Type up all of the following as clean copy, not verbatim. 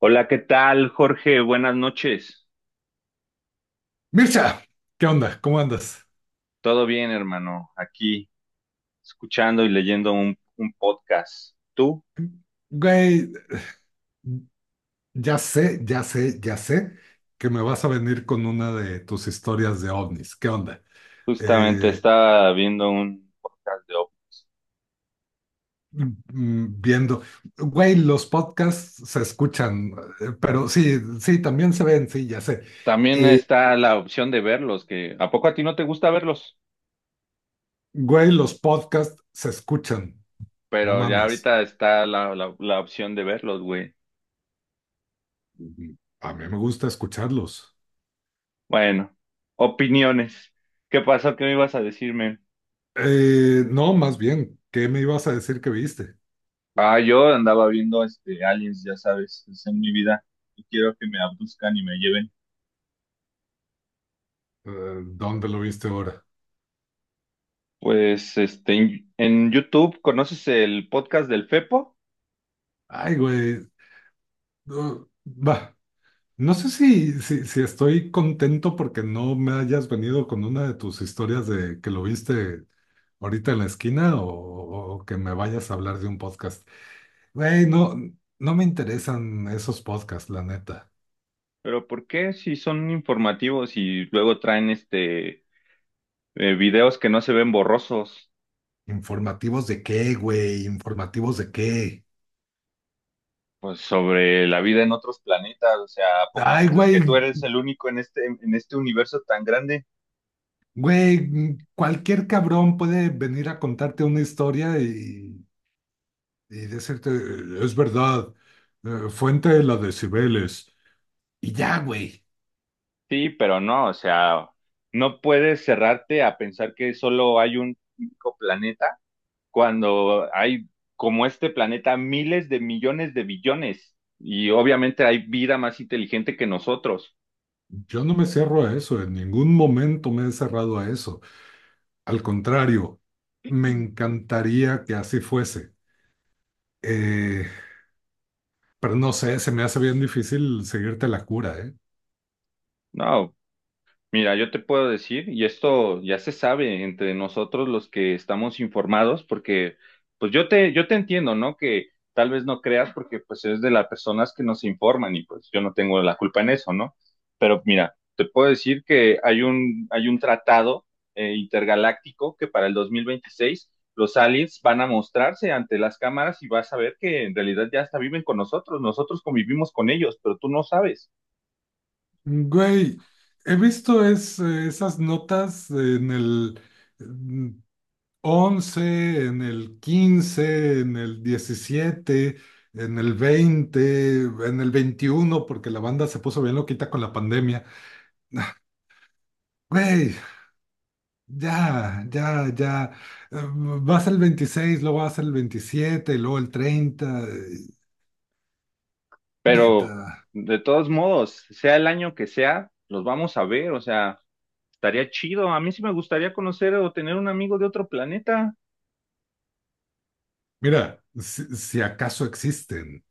Hola, ¿qué tal, Jorge? Buenas noches. Mircha, ¿qué onda? ¿Cómo andas? ¿Todo bien, hermano? Aquí escuchando y leyendo un podcast. Tú Güey, ya sé, ya sé, ya sé que me vas a venir con una de tus historias de ovnis. ¿Qué onda? justamente Eh, estaba viendo un podcast de OP. mm, Viendo, güey, los podcasts se escuchan. Pero sí, sí, también se ven, sí, ya sé. También Eh, está la opción de verlos, que ¿a poco a ti no te gusta verlos? Güey, los podcasts se escuchan, no Pero ya mames. ahorita está la opción de verlos, güey. Ujú. A mí me gusta escucharlos. Bueno, opiniones. ¿Qué pasó? ¿Qué me ibas a decirme? No, más bien, ¿qué me ibas a decir que viste? Ah, yo andaba viendo este Aliens, ya sabes, es en mi vida. Y quiero que me abduzcan y me lleven. ¿Dónde lo viste ahora? Pues este en YouTube conoces el podcast del Fepo, Ay, güey, no, va, no sé si estoy contento porque no me hayas venido con una de tus historias de que lo viste ahorita en la esquina o que me vayas a hablar de un podcast. Güey, no, no me interesan esos podcasts, la neta. pero ¿por qué si son informativos y luego traen este videos que no se ven borrosos, ¿Informativos de qué, güey? ¿Informativos de qué? pues sobre la vida en otros planetas, o sea, ¿a poco Ay, piensas que tú güey, eres el único en este universo tan grande? güey, cualquier cabrón puede venir a contarte una historia y decirte, es verdad, fuente de la de Cibeles. Y ya, güey. Sí, pero no, o sea, no puedes cerrarte a pensar que solo hay un único planeta cuando hay como este planeta miles de millones de billones y obviamente hay vida más inteligente que nosotros. Yo no me cierro a eso, en ningún momento me he cerrado a eso. Al contrario, me encantaría que así fuese. Eh, pero no sé, se me hace bien difícil seguirte la cura, ¿eh? No, mira, yo te puedo decir, y esto ya se sabe entre nosotros los que estamos informados, porque pues yo te entiendo, ¿no? Que tal vez no creas porque pues es de las personas que nos informan y pues yo no tengo la culpa en eso, ¿no? Pero mira, te puedo decir que hay hay un tratado intergaláctico que para el 2026 los aliens van a mostrarse ante las cámaras y vas a ver que en realidad ya hasta viven con nosotros, nosotros convivimos con ellos, pero tú no sabes. Güey, he visto esas notas en el mm, 11, en el 15, en el 17, en el 20, en el 21, porque la banda se puso bien loquita con la pandemia. Güey, ya, ya, ya. Eh, Vas al 26, luego vas al 27, luego el 30. Pero Neta. de todos modos, sea el año que sea, los vamos a ver, o sea, estaría chido. A mí sí me gustaría conocer o tener un amigo de otro planeta. Mira, si acaso existen,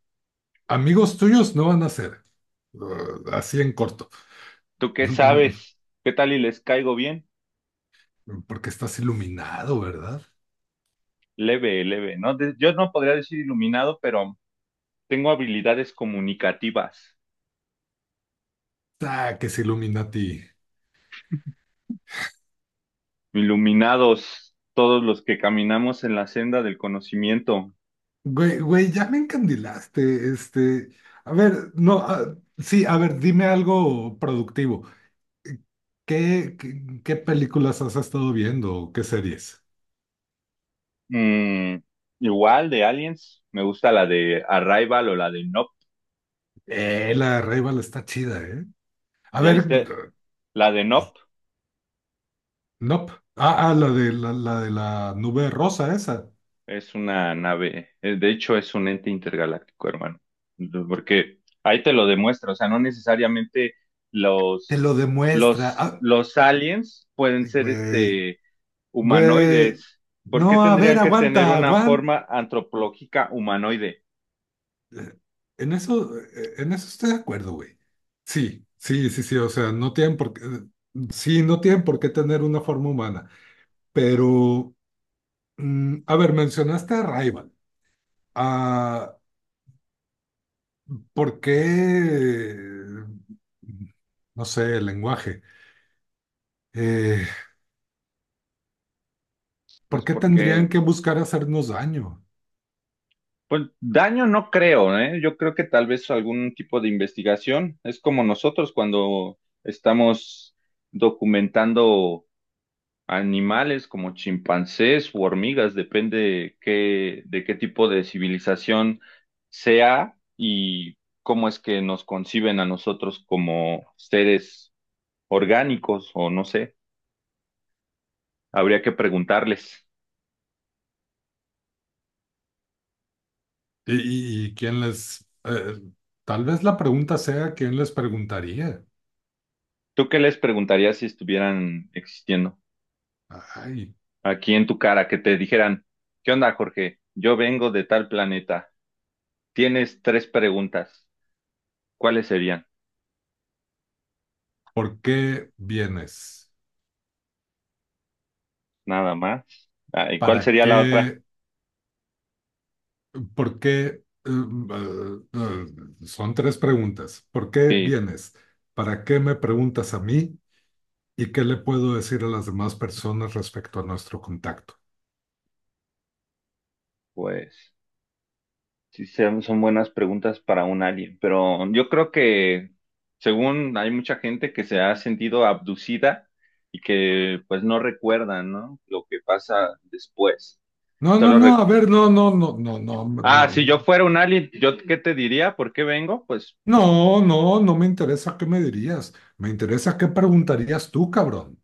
amigos tuyos no van a ser. Así en corto. ¿Tú qué sabes? ¿Qué tal y les caigo bien? Porque estás iluminado, ¿verdad? Leve, leve, ¿no? De- yo no podría decir iluminado, pero tengo habilidades comunicativas. Ah, que se ilumina a ti. Iluminados, todos los que caminamos en la senda del conocimiento. Güey, güey, ya me encandilaste. Este, a ver, no, ah, sí, a ver, dime algo productivo. ¿Qué películas has estado viendo? ¿Qué series? Mm, igual de Aliens, me gusta la de Arrival o la de Nope. La Rival está chida, ¿eh? A ¿Ya ver, viste? La de Nope. nope. Ah, ah, la de la nube rosa esa. Es una nave, de hecho es un ente intergaláctico, hermano. Entonces, porque ahí te lo demuestra, o sea, no necesariamente Te los, lo demuestra. Ah, los aliens pueden ser güey, güey. humanoides. ¿Por qué No, a ver, tendrían que tener aguanta, una aguanta. forma antropológica humanoide? En eso estoy de acuerdo, güey. Sí, sí, sí, sí. O sea, no tienen por qué, sí, no tienen por qué tener una forma humana. Pero, a ver, mencionaste a Rival. Ah, ¿por qué, no sé, el lenguaje? Eh, ¿Por Pues qué porque, tendrían que buscar hacernos daño? pues daño no creo, ¿eh? Yo creo que tal vez algún tipo de investigación, es como nosotros cuando estamos documentando animales como chimpancés u hormigas, depende qué, de qué tipo de civilización sea y cómo es que nos conciben a nosotros como seres orgánicos o no sé, habría que preguntarles. Y quién les, tal vez la pregunta sea quién les preguntaría. ¿Tú qué les preguntarías si estuvieran existiendo Ay, aquí en tu cara, que te dijeran, ¿qué onda, Jorge? Yo vengo de tal planeta. Tienes tres preguntas. ¿Cuáles serían? ¿por qué vienes? Nada más. Ah, ¿y cuál ¿Para sería la otra? qué? ¿Por qué? Son tres preguntas. ¿Por qué Sí, vienes? ¿Para qué me preguntas a mí? ¿Y qué le puedo decir a las demás personas respecto a nuestro contacto? pues. Sí, son buenas preguntas para un alien, pero yo creo que según hay mucha gente que se ha sentido abducida y que pues no recuerda, ¿no? Lo que pasa después. No, no, Solo re- no, a ver, no, no, no, no, no, Ah, no, si yo no, fuera un alien, ¿yo qué te diría? ¿Por qué vengo? Pues, no, no, no me interesa qué me dirías, me interesa qué preguntarías tú, cabrón.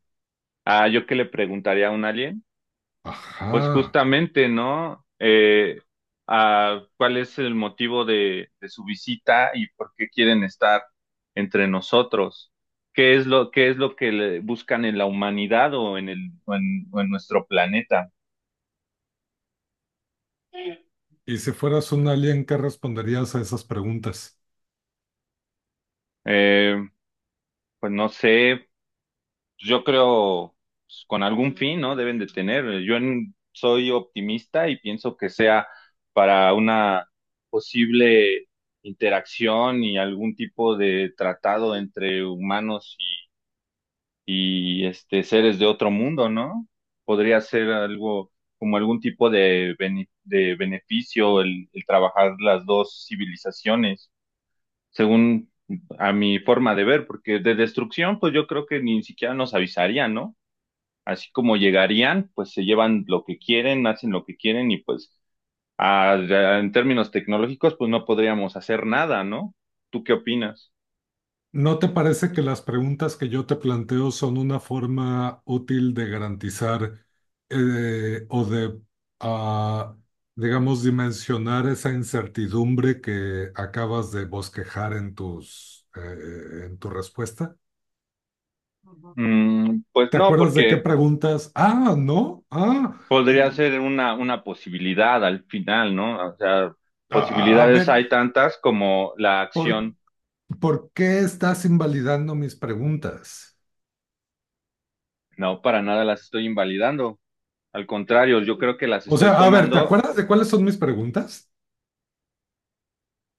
ah, yo qué le preguntaría a un alien. Pues Ajá. justamente, ¿no? ¿Cuál es el motivo de su visita y por qué quieren estar entre nosotros? ¿Qué qué es lo que le- buscan en la humanidad o en o en nuestro planeta? Y si fueras un alien, ¿qué responderías a esas preguntas? Eh, pues no sé, pues, yo creo pues, con algún fin, ¿no? Deben de tener. Yo en- soy optimista y pienso que sea para una posible interacción y algún tipo de tratado entre humanos este seres de otro mundo, ¿no? Podría ser algo como algún tipo de bene- de beneficio el trabajar las dos civilizaciones, según a mi forma de ver, porque de destrucción, pues yo creo que ni siquiera nos avisaría, ¿no? Así como llegarían, pues se llevan lo que quieren, hacen lo que quieren y pues a- en términos tecnológicos, pues no podríamos hacer nada, ¿no? ¿Tú qué opinas? ¿No te parece que las preguntas que yo te planteo son una forma útil de garantizar, o de, ah, digamos, dimensionar esa incertidumbre que acabas de bosquejar en en tu respuesta? Pues ¿Te no, acuerdas de qué porque preguntas? Ah, no, ah, podría ser una posibilidad al final, ¿no? O sea, a, a posibilidades ver. hay tantas como la ¿por, acción. por qué estás invalidando mis preguntas? No, para nada las estoy invalidando. Al contrario, yo creo que las O estoy sea, a ver, ¿te tomando. acuerdas de cuáles son mis preguntas?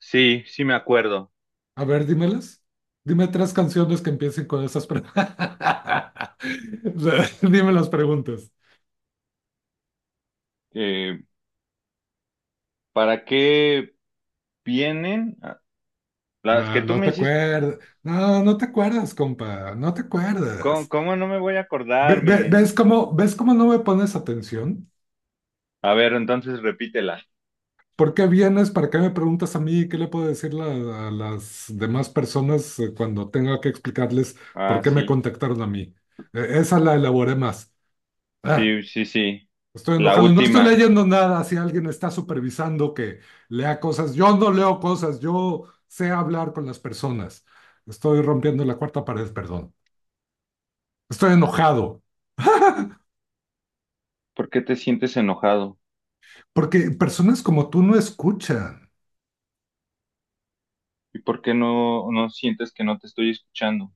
Sí, sí me acuerdo. A ver, dímelas. Dime tres canciones que empiecen con esas preguntas. Dime las preguntas. Eh, ¿Para qué vienen? Ah, las No, que tú no me te hiciste. acuerdas. No, no te acuerdas, compa. No te ¿Cómo, acuerdas. cómo no me voy a acordarme? Ves cómo no me pones atención? A ver, entonces repítela. ¿Por qué vienes? ¿Para qué me preguntas a mí? ¿Qué le puedo decir a las demás personas, cuando tenga que explicarles por Ah, qué me contactaron a mí? Esa la elaboré más. Ah, sí. estoy La enojado. No estoy última. leyendo nada si alguien está supervisando que lea cosas. Yo no leo cosas. Yo sé hablar con las personas. Estoy rompiendo la cuarta pared, perdón. Estoy enojado ¿Por qué te sientes enojado? porque personas como tú no escuchan. ¿Y por qué no sientes que no te estoy escuchando?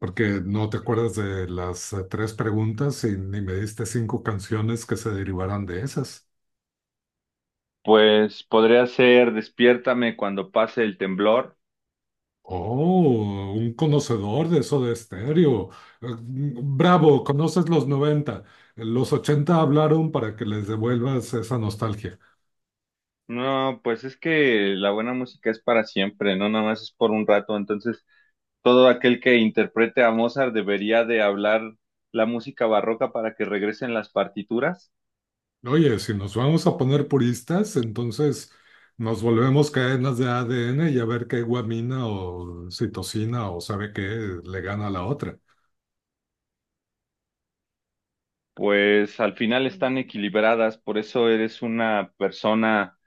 Porque no te acuerdas de las tres preguntas y ni me diste cinco canciones que se derivaran de esas. Pues podría ser despiértame cuando pase el temblor. Oh, un conocedor de eso de estéreo. Bravo, conoces los 90. Los 80 hablaron para que les devuelvas esa nostalgia. No, pues es que la buena música es para siempre, no nada más es por un rato. Entonces, todo aquel que interprete a Mozart debería de hablar la música barroca para que regresen las partituras. Oye, si nos vamos a poner puristas, entonces nos volvemos cadenas de ADN y a ver qué guamina o citosina o sabe qué le gana a la otra. Pues al final están equilibradas, por eso eres una persona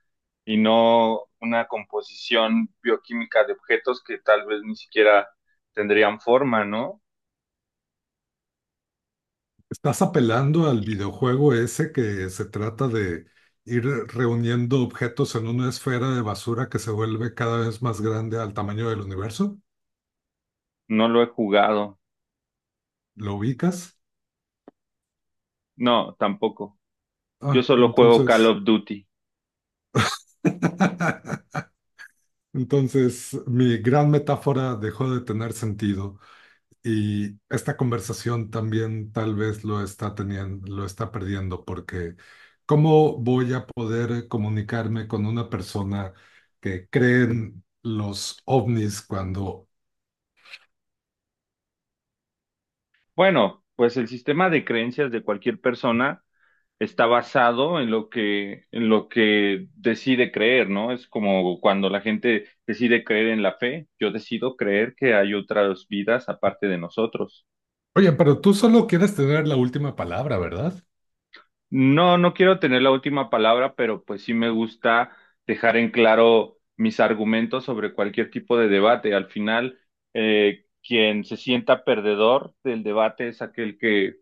y no una composición bioquímica de objetos que tal vez ni siquiera tendrían forma, ¿no? Estás apelando al videojuego ese que se trata de ir reuniendo objetos en una esfera de basura que se vuelve cada vez más grande al tamaño del universo. No lo he jugado. ¿Lo ubicas? No, tampoco. Yo Ah, solo juego Call entonces, of Duty. entonces mi gran metáfora dejó de tener sentido. Y esta conversación también tal vez lo está teniendo, lo está perdiendo, porque ¿cómo voy a poder comunicarme con una persona que cree en los ovnis cuando, Bueno, pues el sistema de creencias de cualquier persona está basado en lo en lo que decide creer, ¿no? Es como cuando la gente decide creer en la fe, yo decido creer que hay otras vidas aparte de nosotros. oye, pero tú solo quieres tener la última palabra, ¿verdad? No, no quiero tener la última palabra, pero pues sí me gusta dejar en claro mis argumentos sobre cualquier tipo de debate. Al final, quien se sienta perdedor del debate es aquel que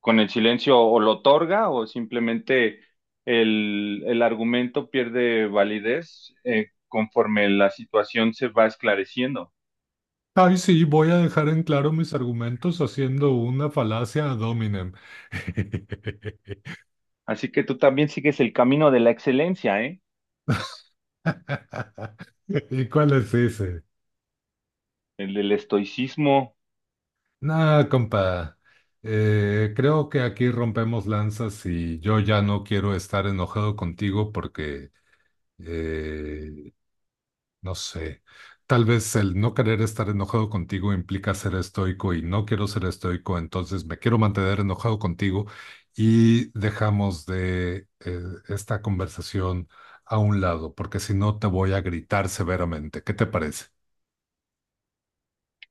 con el silencio o lo otorga o simplemente el argumento pierde validez conforme la situación se va esclareciendo. Ay, sí, voy a dejar en claro mis argumentos haciendo una falacia ad hominem. Así que tú también sigues el camino de la excelencia, ¿eh? ¿Y cuál es ese? El del estoicismo. Nah, compa, creo que aquí rompemos lanzas y yo ya no quiero estar enojado contigo porque, eh, no sé, tal vez el no querer estar enojado contigo implica ser estoico y no quiero ser estoico, entonces me quiero mantener enojado contigo y dejamos de esta conversación a un lado, porque si no te voy a gritar severamente. ¿Qué te parece?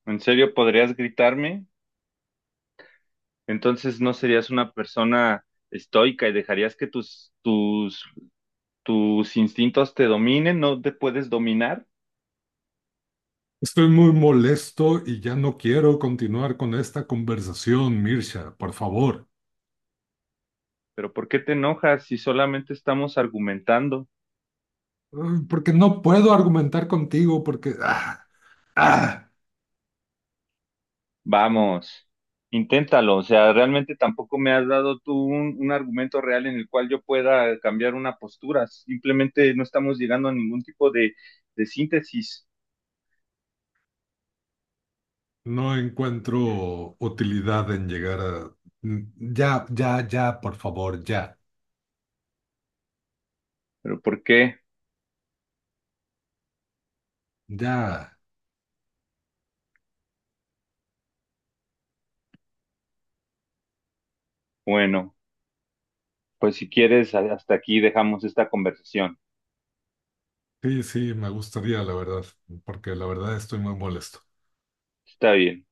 ¿En serio podrías gritarme? Entonces no serías una persona estoica y dejarías que tus instintos te dominen, no te puedes dominar. Estoy muy molesto y ya no quiero continuar con esta conversación, Mirsha, por favor. Pero ¿por qué te enojas si solamente estamos argumentando? Porque no puedo argumentar contigo porque ah, Vamos, inténtalo. O sea, realmente tampoco me has dado tú un argumento real en el cual yo pueda cambiar una postura. Simplemente no estamos llegando a ningún tipo de síntesis. no encuentro utilidad en llegar a... Mm, Ya, ya, ya, por favor, ya, ¿Pero por qué? ya. Bueno, pues si quieres, hasta aquí dejamos esta conversación. Sí, sí, me gustaría, la verdad, porque la verdad estoy muy molesto. Está bien.